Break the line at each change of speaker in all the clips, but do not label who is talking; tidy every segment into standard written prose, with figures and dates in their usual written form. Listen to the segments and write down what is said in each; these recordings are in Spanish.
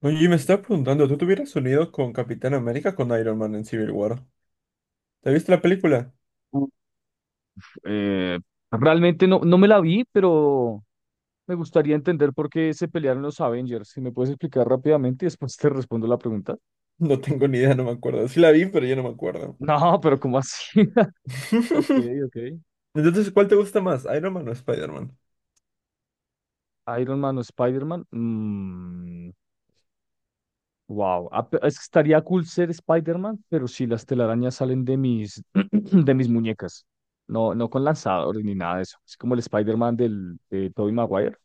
Oye, me estaba preguntando, ¿tú te hubieras unido con Capitán América o con Iron Man en Civil War? ¿Te viste la película?
Uf, eh, realmente no, no me la vi, pero me gustaría entender por qué se pelearon los Avengers. Si me puedes explicar rápidamente y después te respondo la pregunta.
No tengo ni idea, no me acuerdo. Sí la vi, pero ya no me acuerdo.
No, pero ¿cómo así? Ok, ok.
Entonces, ¿cuál te gusta más, Iron Man o Spider-Man?
Iron Man o Spider-Man. Mm, wow. Ah, es que estaría cool ser Spider-Man, pero si las telarañas salen de mis, de mis muñecas. No, no con lanzadores ni nada de eso. Es como el Spider-Man de Tobey Maguire.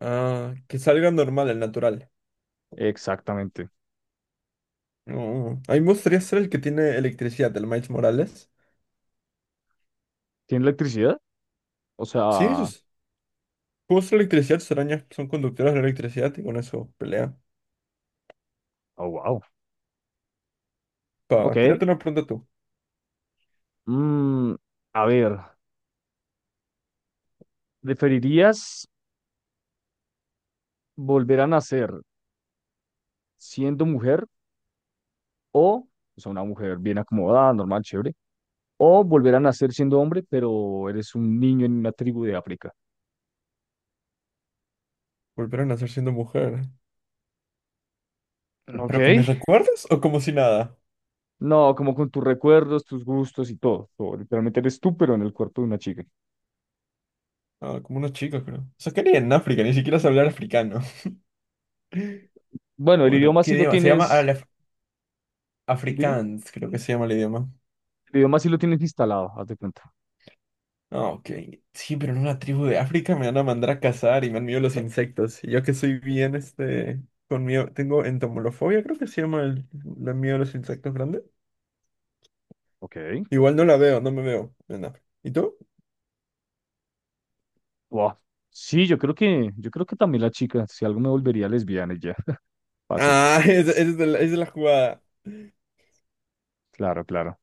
Ah, que salga normal, el natural.
Exactamente.
Mm, a mí me gustaría ser el que tiene electricidad, el Miles Morales.
¿Tiene electricidad? O
Sí,
sea,
sus juegos de electricidad, sus arañas son conductoras de electricidad y con eso pelea.
oh, wow.
Pa,
Ok.
tírate una pregunta tú.
Mm, a ver, ¿preferirías volver a nacer siendo mujer o, o sea, una mujer bien acomodada, normal, chévere, o volver a nacer siendo hombre, pero eres un niño en una tribu de África?
¿Volver a nacer siendo mujer?
Ok.
¿Pero con mis recuerdos o como si nada?
No, como con tus recuerdos, tus gustos y todo. Todo. Literalmente eres tú, pero en el cuerpo de una chica.
Ah, como unos chicos, creo. O sea, que ni en África, ni siquiera se hablar africano.
Bueno, el
Bueno,
idioma
¿qué
sí lo
idioma? Se llama
tienes, dime,
Afrikaans, creo que se llama el idioma.
el idioma sí lo tienes instalado, haz de cuenta.
Ah, ok. Sí, pero en una tribu de África me van a mandar a cazar y me han miedo los insectos. Y yo que soy bien, con miedo, tengo entomolofobia, creo que se llama el, la miedo a los insectos grande.
Ok.
Igual no la veo, no me veo en África. ¿Y tú?
Wow. Sí, yo creo que también la chica, si algo me volvería lesbiana y ya, fácil.
Ah, esa es, de la, esa es la jugada.
Claro, claro.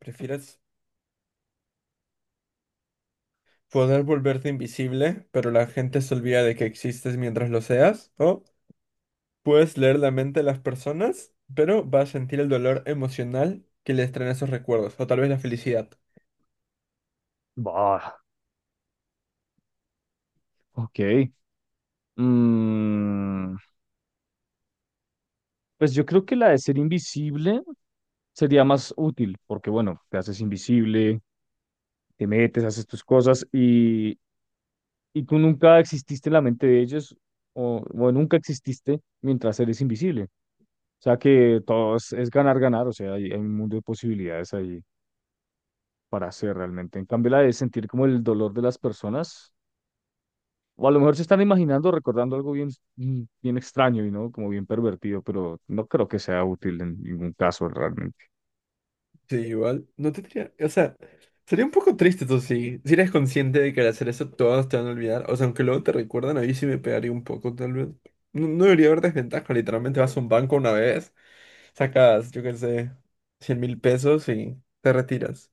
¿Prefieres poder volverte invisible, pero la gente se olvida de que existes mientras lo seas, o puedes leer la mente de las personas, pero vas a sentir el dolor emocional que les traen esos recuerdos, o tal vez la felicidad?
Bah, ok. Mm, pues yo creo que la de ser invisible sería más útil, porque bueno, te haces invisible, te metes, haces tus cosas y tú nunca exististe en la mente de ellos o nunca exististe mientras eres invisible. O sea que todo es ganar, ganar, o sea, hay un mundo de posibilidades ahí para hacer realmente. En cambio, la de sentir como el dolor de las personas. O a lo mejor se están imaginando, recordando algo bien, bien extraño y no como bien pervertido, pero no creo que sea útil en ningún caso realmente.
Sí, igual. No tendría, o sea, sería un poco triste tú sí. Si eres consciente de que al hacer eso todos te van a olvidar, o sea, aunque luego te recuerdan, a mí sí me pegaría un poco, tal vez. No, no debería haber desventaja, literalmente vas a un banco una vez, sacas, yo qué sé, 100.000 pesos y te retiras.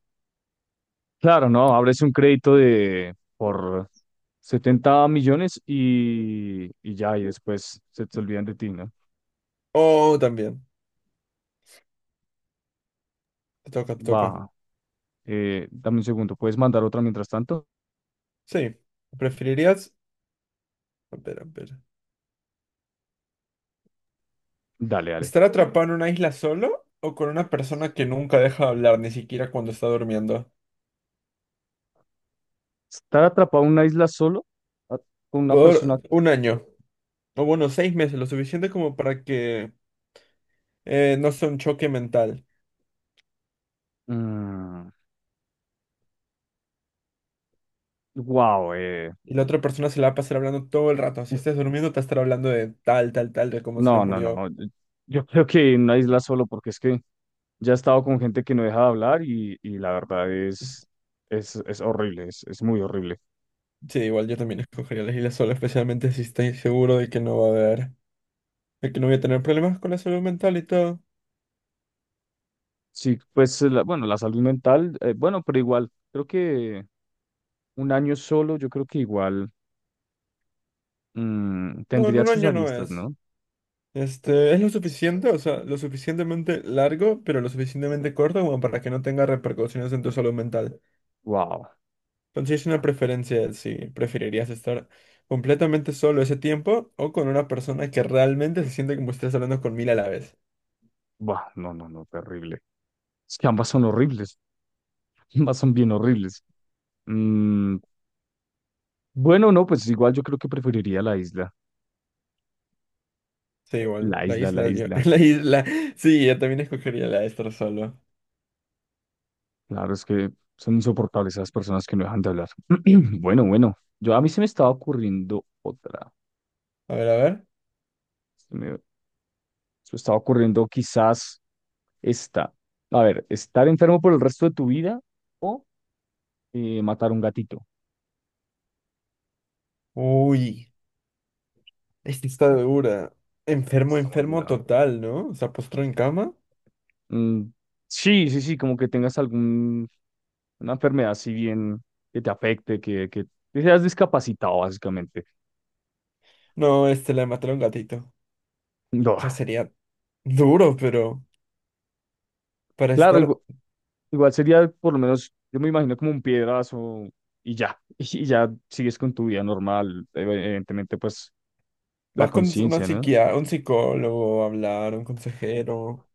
Claro, no, abres un crédito de por 70 millones y ya, y después se te olvidan de ti, ¿no?
O también, te toca, te toca.
Va, dame un segundo, ¿puedes mandar otra mientras tanto?
Sí, preferirías... Espera, espera.
Dale, dale.
¿Estar atrapado en una isla solo o con una persona que nunca deja de hablar, ni siquiera cuando está durmiendo?
Estar atrapado en una isla solo a- con una
Por
persona.
un año, o bueno, 6 meses, lo suficiente como para que no sea un choque mental.
Wow.
Y la otra persona se la va a pasar hablando todo el rato. Si estás durmiendo, te va a estar hablando de tal, tal, tal, de cómo se le
No, no,
murió.
no. Yo creo que en una isla solo, porque es que ya he estado con gente que no deja de hablar y la verdad es horrible, es muy horrible.
Sí, igual yo también escogería la isla sola, especialmente si estoy seguro de que no va a haber, de que no voy a tener problemas con la salud mental y todo.
Sí, pues bueno, la salud mental, bueno, pero igual, creo que un año solo, yo creo que igual
No, en
tendría
un
sus
año no
aristas,
es.
¿no?
Es lo suficiente, o sea, lo suficientemente largo, pero lo suficientemente corto como para que no tenga repercusiones en tu salud mental.
Wow,
Entonces sí es una preferencia de si preferirías estar completamente solo ese tiempo o con una persona que realmente se siente como si estás hablando con 1.000 a la vez.
bah, no, no, no, terrible. Es que ambas son horribles, ambas son bien horribles. Mm, bueno, no, pues igual yo creo que preferiría la isla,
Sí, igual,
la
la
isla, la
isla, yo,
isla.
la isla, sí, yo también escogería la de estar solo.
Claro, es que son insoportables esas personas que no dejan de hablar. Bueno, bueno, yo a mí se me estaba ocurriendo otra.
A ver, a ver.
Se me estaba ocurriendo quizás esta. A ver, estar enfermo por el resto de tu vida o matar un gatito.
Uy, esta está dura. Enfermo,
Está muy
enfermo
dura.
total, ¿no? O sea, postró en cama.
Mm, sí, sí, sí, como que tengas alguna enfermedad si bien que te afecte, que seas discapacitado básicamente.
No, le mataron un gatito.
No,
O sea, sería duro, pero para
claro,
estar,
Igual sería por lo menos, yo me imagino como un piedrazo y ya, y ya sigues con tu vida normal, evidentemente pues la
vas con una
conciencia, ¿no?
psiquia, un psicólogo a hablar, un consejero.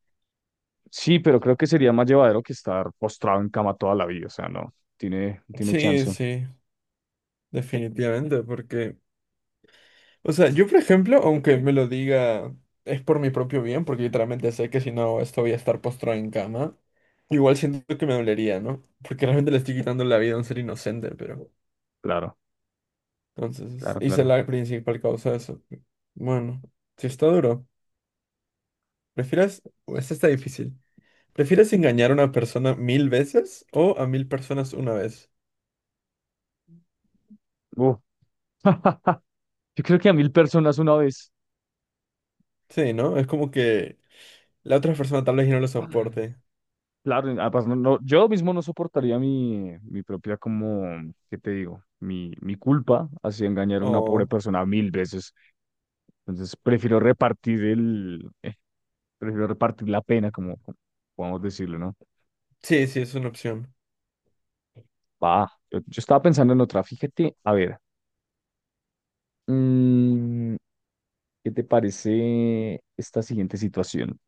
Sí, pero creo que sería más llevadero que estar postrado en cama toda la vida, o sea, no, tiene
Sí,
chance,
sí, definitivamente, porque, o sea, yo por ejemplo, aunque me lo diga, es por mi propio bien, porque literalmente sé que si no hago esto voy a estar postrado en cama. Igual siento que me dolería, ¿no? Porque realmente le estoy quitando la vida a un ser inocente, pero
claro,
entonces
claro,
hice
claro.
la principal causa de eso. Bueno, si está duro, prefieres, o esta está difícil. ¿Prefieres engañar a una persona 1.000 veces o a 1.000 personas una vez?
Uh, Yo creo que a mil personas una vez,
Sí, ¿no? Es como que la otra persona tal vez ya no lo soporte.
claro, y además no, yo mismo no soportaría mi propia como, ¿qué te digo? Mi culpa hacia engañar a una pobre
Oh,
persona mil veces. Entonces prefiero repartir la pena, como podemos decirlo, ¿no?
sí, sí, es una opción.
Va, yo estaba pensando en otra, fíjate, a ver, mm, ¿qué te parece esta siguiente situación?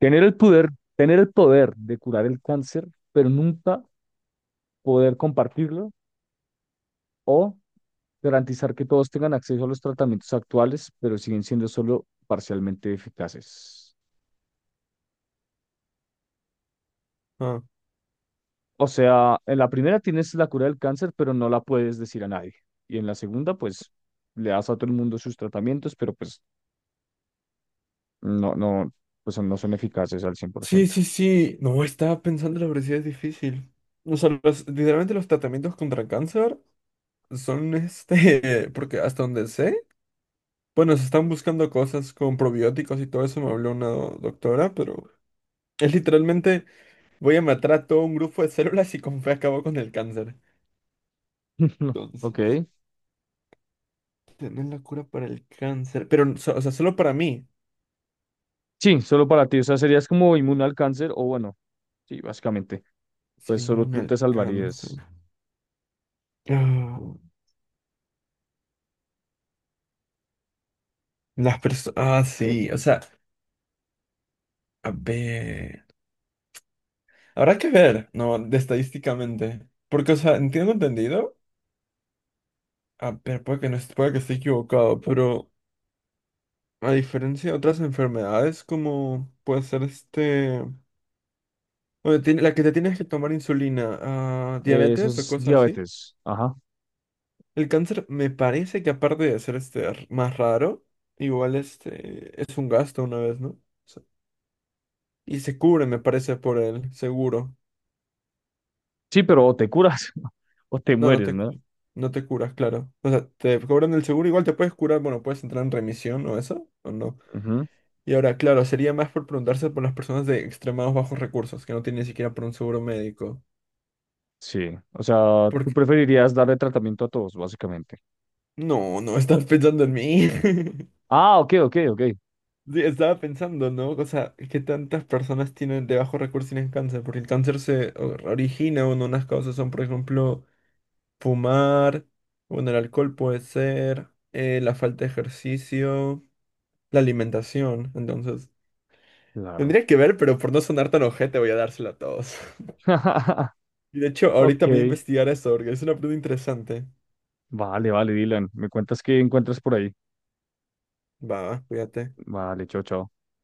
Tener el poder, tener el poder de curar el cáncer, pero nunca poder compartirlo, o garantizar que todos tengan acceso a los tratamientos actuales, pero siguen siendo solo parcialmente eficaces.
Ah.
O sea, en la primera tienes la cura del cáncer, pero no la puedes decir a nadie. Y en la segunda, pues, le das a todo el mundo sus tratamientos, pero pues no, no, pues no son eficaces al cien por
Sí,
ciento.
sí, sí. No, estaba pensando la obesidad es difícil. O sea, literalmente los tratamientos contra el cáncer son porque hasta donde sé, bueno, se están buscando cosas con probióticos y todo eso, me habló una doctora, pero es literalmente voy a matar a todo un grupo de células y con fe acabo con el cáncer. Entonces.
Ok.
Tener la cura para el cáncer. Pero, o sea, solo para mí.
Sí, solo para ti. O sea, serías como inmune al cáncer, o bueno, sí, básicamente.
Ser
Pues solo
inmune
tú te
al
salvarías.
cáncer. Ah, las personas. Ah, sí. O sea, a ver. Habrá que ver, ¿no? De estadísticamente. Porque, o sea, entiendo entendido. A ver, puede que no, puede que esté equivocado, pero a diferencia de otras enfermedades, como puede ser o la que te tienes que tomar insulina, ah,
Eso
diabetes o
es
cosas así.
diabetes. Ajá.
El cáncer me parece que aparte de ser más raro, igual este es un gasto una vez, ¿no? O sea, y se cubre, me parece, por el seguro.
Sí, pero o te curas o te
No, no
mueres,
te,
¿no?
no te curas, claro. O sea, te cobran el seguro, igual te puedes curar, bueno, puedes entrar en remisión o eso, o no. Y ahora, claro, sería más por preguntarse por las personas de extremados bajos recursos, que no tienen ni siquiera por un seguro médico.
Sí, o sea, tú
Porque,
preferirías darle tratamiento a todos, básicamente.
no, no estás pensando en mí.
Ah, ok, ok, ok.
Sí, estaba pensando, ¿no? O sea, que tantas personas tienen de bajos recursos tienen cáncer, porque el cáncer se origina, bueno, unas causas son, por ejemplo, fumar, bueno, el alcohol puede ser, la falta de ejercicio, la alimentación, entonces,
Claro.
tendría que ver, pero por no sonar tan ojete voy a dárselo a todos. Y de hecho, ahorita
Ok,
me voy a investigar eso, porque es una pregunta interesante.
vale, vale, Dylan. Me cuentas qué encuentras por ahí.
Va, va, cuídate.
Vale, chao, chao.